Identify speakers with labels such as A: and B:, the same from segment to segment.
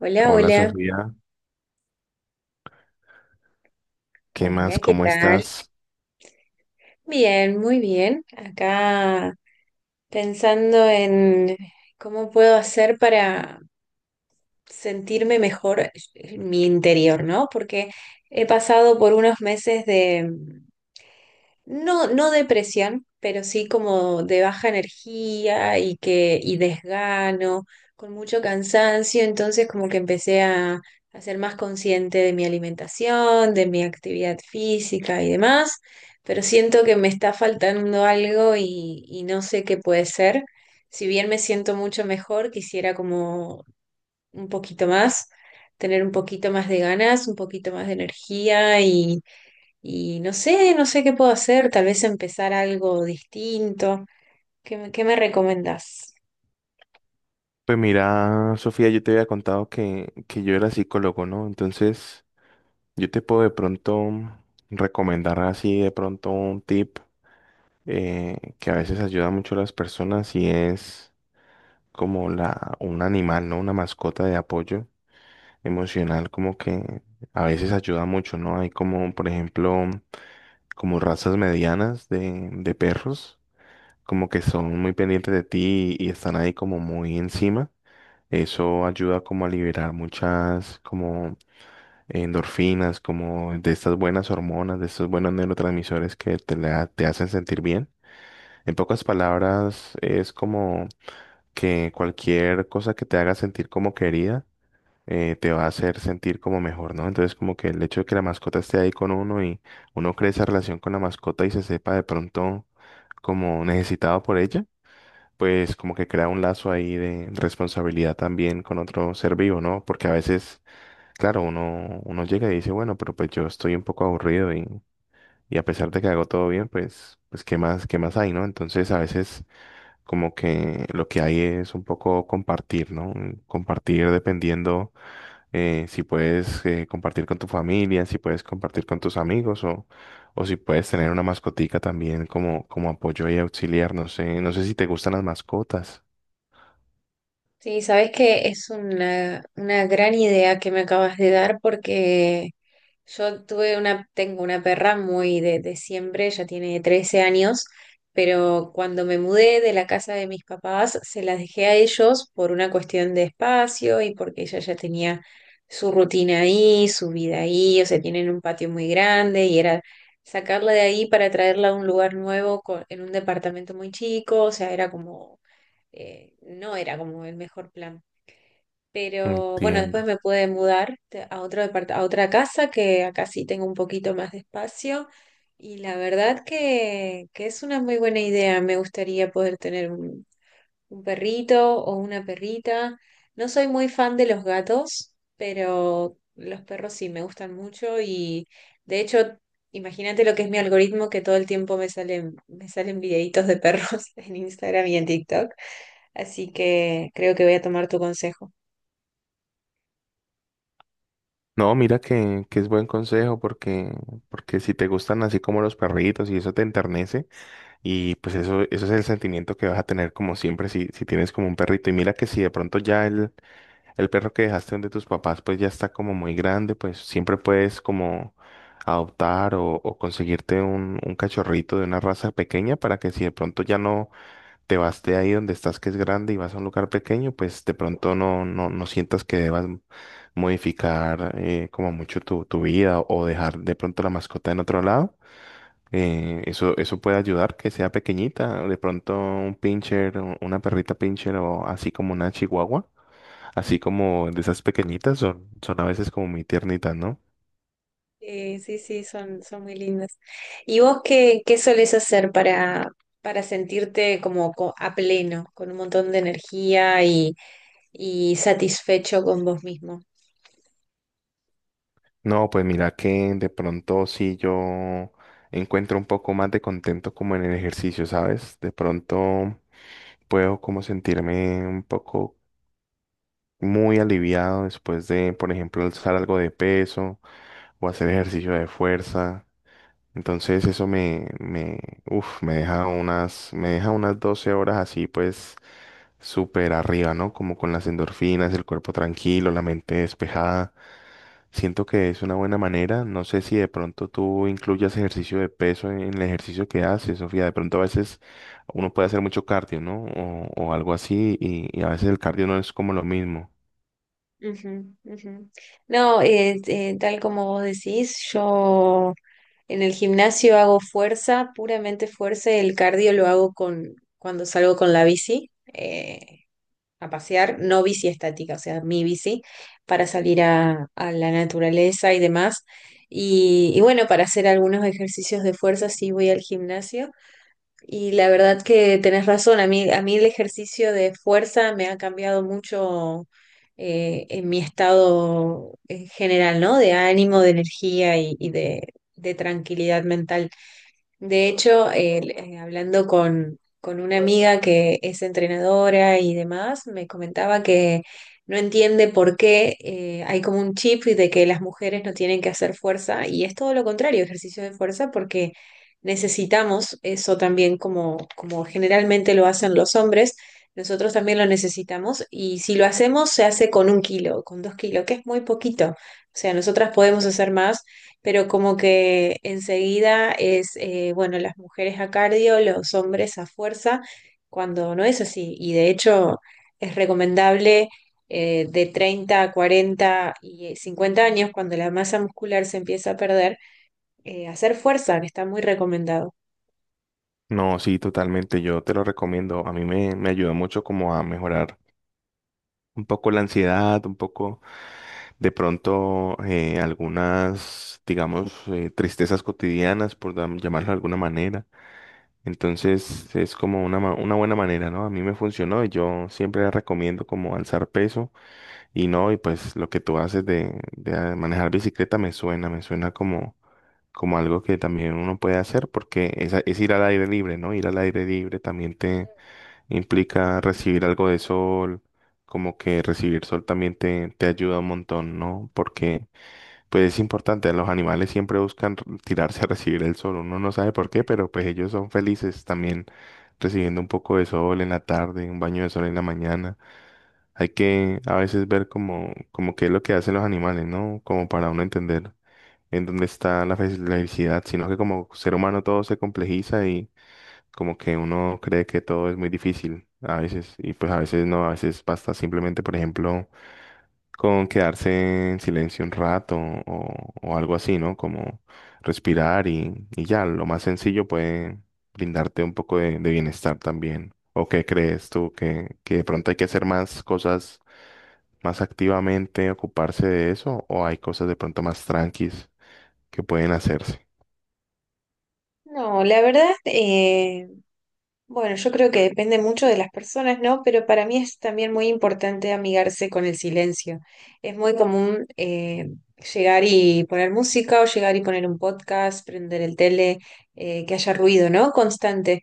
A: Hola,
B: Hola
A: hola.
B: Sofía, ¿qué más?
A: Hola, ¿qué
B: ¿Cómo
A: tal?
B: estás?
A: Bien, muy bien. Acá pensando en cómo puedo hacer para sentirme mejor en mi interior, ¿no? Porque he pasado por unos meses no, no depresión, pero sí como de baja energía y desgano, con mucho cansancio. Entonces como que empecé a ser más consciente de mi alimentación, de mi actividad física y demás, pero siento que me está faltando algo y no sé qué puede ser. Si bien me siento mucho mejor, quisiera como un poquito más, tener un poquito más de ganas, un poquito más de energía y no sé qué puedo hacer, tal vez empezar algo distinto. ¿ Qué me recomendás?
B: Pues mira, Sofía, yo te había contado que yo era psicólogo, ¿no? Entonces, yo te puedo de pronto recomendar así de pronto un tip, que a veces ayuda mucho a las personas, y es como la, un animal, ¿no? Una mascota de apoyo emocional, como que a veces ayuda mucho, ¿no? Hay como, por ejemplo, como razas medianas de perros. Como que son muy pendientes de ti y están ahí como muy encima. Eso ayuda como a liberar muchas como endorfinas, como de estas buenas hormonas, de estos buenos neurotransmisores que te hacen sentir bien. En pocas palabras, es como que cualquier cosa que te haga sentir como querida, te va a hacer sentir como mejor, ¿no? Entonces, como que el hecho de que la mascota esté ahí con uno, y uno cree esa relación con la mascota y se sepa de pronto como necesitado por ella, pues como que crea un lazo ahí de responsabilidad también con otro ser vivo, ¿no? Porque a veces, claro, uno llega y dice, bueno, pero pues yo estoy un poco aburrido, y a pesar de que hago todo bien, pues, pues qué más hay?, ¿no? Entonces a veces como que lo que hay es un poco compartir, ¿no? Compartir dependiendo, si puedes, compartir con tu familia, si puedes compartir con tus amigos, o si puedes tener una mascotica también como, como apoyo y auxiliar. No sé, no sé si te gustan las mascotas.
A: Sí, sabes que es una gran idea que me acabas de dar, porque tengo una perra muy de siempre, ya tiene 13 años. Pero cuando me mudé de la casa de mis papás, se las dejé a ellos por una cuestión de espacio y porque ella ya tenía su rutina ahí, su vida ahí. O sea, tienen un patio muy grande y era sacarla de ahí para traerla a un lugar en un departamento muy chico. O sea, era como, no era como el mejor plan. Pero bueno, después
B: Entiendo.
A: me pude mudar a otra casa, que acá sí tengo un poquito más de espacio, y la verdad que es una muy buena idea. Me gustaría poder tener un perrito o una perrita. No soy muy fan de los gatos, pero los perros sí me gustan mucho. Y de hecho, imagínate lo que es mi algoritmo, que todo el tiempo me salen videitos de perros en Instagram y en TikTok. Así que creo que voy a tomar tu consejo.
B: No, mira que es buen consejo porque, porque si te gustan así como los perritos y eso te enternece, y pues eso es el sentimiento que vas a tener como siempre si, si tienes como un perrito. Y mira que si de pronto ya el perro que dejaste donde tus papás pues ya está como muy grande, pues siempre puedes como adoptar o conseguirte un cachorrito de una raza pequeña, para que si de pronto ya no te vas de ahí donde estás, que es grande, y vas a un lugar pequeño, pues de pronto no, no, no sientas que debas modificar, como mucho tu, tu vida, o dejar de pronto la mascota en otro lado. Eso puede ayudar que sea pequeñita, de pronto un pincher, una perrita pincher, o así como una chihuahua,
A: Mm.
B: así como de esas pequeñitas son, son a veces como muy tiernitas, ¿no?
A: Sí, sí, son muy lindas. ¿Y vos qué solés hacer para sentirte como a pleno, con un montón de energía y satisfecho con vos mismo?
B: No, pues mira que de pronto sí yo encuentro un poco más de contento como en el ejercicio, ¿sabes? De pronto puedo como sentirme un poco muy aliviado después de, por ejemplo, alzar algo de peso o hacer ejercicio de fuerza. Entonces eso uf, me deja unas 12 horas así, pues súper arriba, ¿no? Como con las endorfinas, el cuerpo tranquilo, la mente despejada. Siento que es una buena manera. No sé si de pronto tú incluyas ejercicio de peso en el ejercicio que haces, Sofía. De pronto a veces uno puede hacer mucho cardio, ¿no? O algo así, y a veces el cardio no es como lo mismo.
A: Ujú, ujú. No, tal como vos decís, yo en el gimnasio hago fuerza, puramente fuerza, y el cardio lo hago cuando salgo con la bici. A pasear, no bici estática, o sea, mi bici, para salir a la naturaleza y demás. Y y bueno, para hacer algunos ejercicios de fuerza sí voy al gimnasio. Y la verdad que tenés razón, a mí el ejercicio de fuerza me ha cambiado mucho, en mi estado en general, ¿no? De ánimo, de energía y de tranquilidad mental. De hecho, hablando con una amiga que es entrenadora y demás, me comentaba que no entiende por qué hay como un chip de que las mujeres no tienen que hacer fuerza, y es todo lo contrario, ejercicio de fuerza, porque necesitamos eso también, como, como generalmente lo hacen los hombres, nosotros también lo necesitamos. Y si lo hacemos, se hace con 1 kilo, con 2 kilos, que es muy poquito. O sea, nosotras podemos hacer más, pero como que enseguida es, bueno, las mujeres a cardio, los hombres a fuerza, cuando no es así. Y de hecho es recomendable, de 30 a 40 y 50 años, cuando la masa muscular se empieza a perder, hacer fuerza, que está muy recomendado.
B: No, sí, totalmente. Yo te lo recomiendo. A mí me ayudó mucho como a mejorar un poco la ansiedad, un poco de pronto, algunas, digamos, tristezas cotidianas, llamarlo de alguna manera. Entonces es como una, una buena manera, ¿no? A mí me funcionó y yo siempre recomiendo como alzar peso. Y no, y pues lo que tú haces de ah, manejar bicicleta me suena como, como algo que también uno puede hacer porque es, es ir al aire libre, ¿no? Ir al aire libre también te implica recibir algo de sol, como que recibir sol también te ayuda un montón, ¿no? Porque pues es importante, los animales siempre buscan tirarse a recibir el sol, uno no sabe por qué, pero pues ellos son felices también recibiendo un poco de sol en la tarde, un baño de sol en la mañana. Hay que a veces ver como, como qué es lo que hacen los animales, ¿no? Como para uno entender en dónde está la la felicidad, sino que como ser humano todo se complejiza, como que uno cree que todo es muy difícil a veces, y pues a veces no, a veces basta simplemente, por ejemplo, con quedarse en silencio un rato, o algo así, ¿no? Como respirar y ya, lo más sencillo puede brindarte un poco de bienestar también. ¿O qué crees tú? Que de pronto hay que hacer más cosas más activamente, ocuparse de eso? ¿O hay cosas de pronto más tranquis que pueden hacerse?
A: No, la verdad, bueno, yo creo que depende mucho de las personas, ¿no? Pero para mí es también muy importante amigarse con el silencio. Es muy común, llegar y poner música, o llegar y poner un podcast, prender el tele, que haya ruido, ¿no? Constante.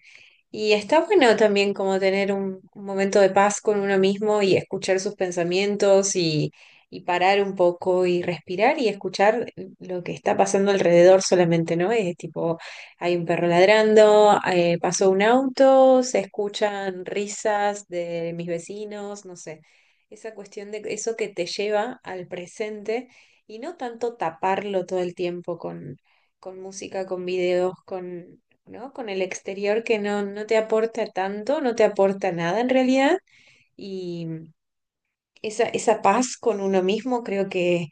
A: Y está bueno también como tener un momento de paz con uno mismo y escuchar sus pensamientos, y parar un poco y respirar y escuchar lo que está pasando alrededor solamente, ¿no? Es tipo, hay un perro ladrando, pasó un auto, se escuchan risas de mis vecinos, no sé. Esa cuestión de eso que te lleva al presente, y no tanto taparlo todo el tiempo con música, con videos, ¿no? Con el exterior, que no, no te aporta tanto, no te aporta nada en realidad. Y esa paz con uno mismo creo que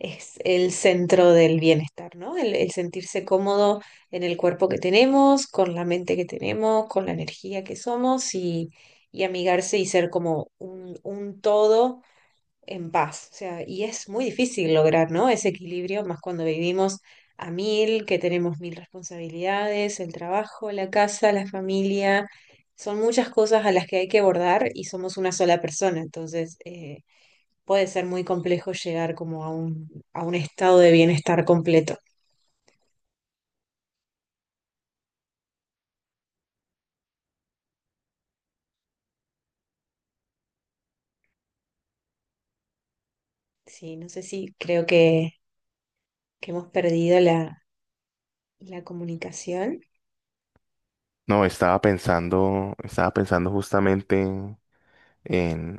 A: es el centro del bienestar, ¿no? El sentirse cómodo en el cuerpo que tenemos, con la mente que tenemos, con la energía que somos, y amigarse y ser como un todo en paz. O sea, y es muy difícil lograr, ¿no? Ese equilibrio, más cuando vivimos a mil, que tenemos mil responsabilidades, el trabajo, la casa, la familia. Son muchas cosas a las que hay que abordar y somos una sola persona. Entonces, puede ser muy complejo llegar como a un estado de bienestar completo. Sí, no sé, si creo que, hemos perdido la comunicación.
B: No, estaba pensando justamente en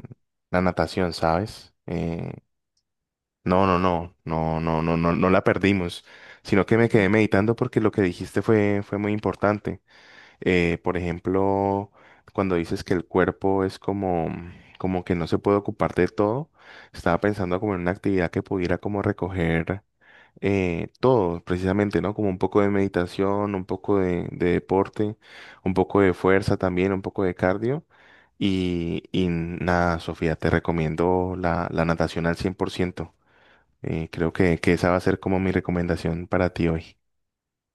B: la natación, ¿sabes? No, no, no, no, no, no, no, no la perdimos, sino que me quedé meditando porque lo que dijiste fue, fue muy importante. Por ejemplo, cuando dices que el cuerpo es como, como que no se puede ocupar de todo, estaba pensando como en una actividad que pudiera como recoger, todo, precisamente, ¿no? Como un poco de meditación, un poco de deporte, un poco de fuerza también, un poco de cardio. Y nada, Sofía, te recomiendo la, la natación al 100%. Creo que esa va a ser como mi recomendación para ti hoy.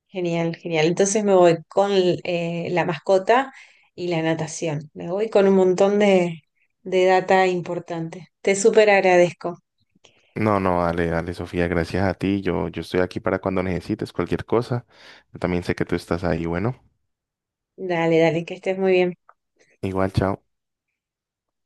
A: Genial, genial. Entonces me voy con la mascota y la natación. Me voy con un montón de data importante. Te súper agradezco.
B: No, no, dale, dale, Sofía, gracias a ti. Yo estoy aquí para cuando necesites cualquier cosa. Yo también sé que tú estás ahí. Bueno,
A: Dale, dale, que estés muy bien.
B: igual, chao.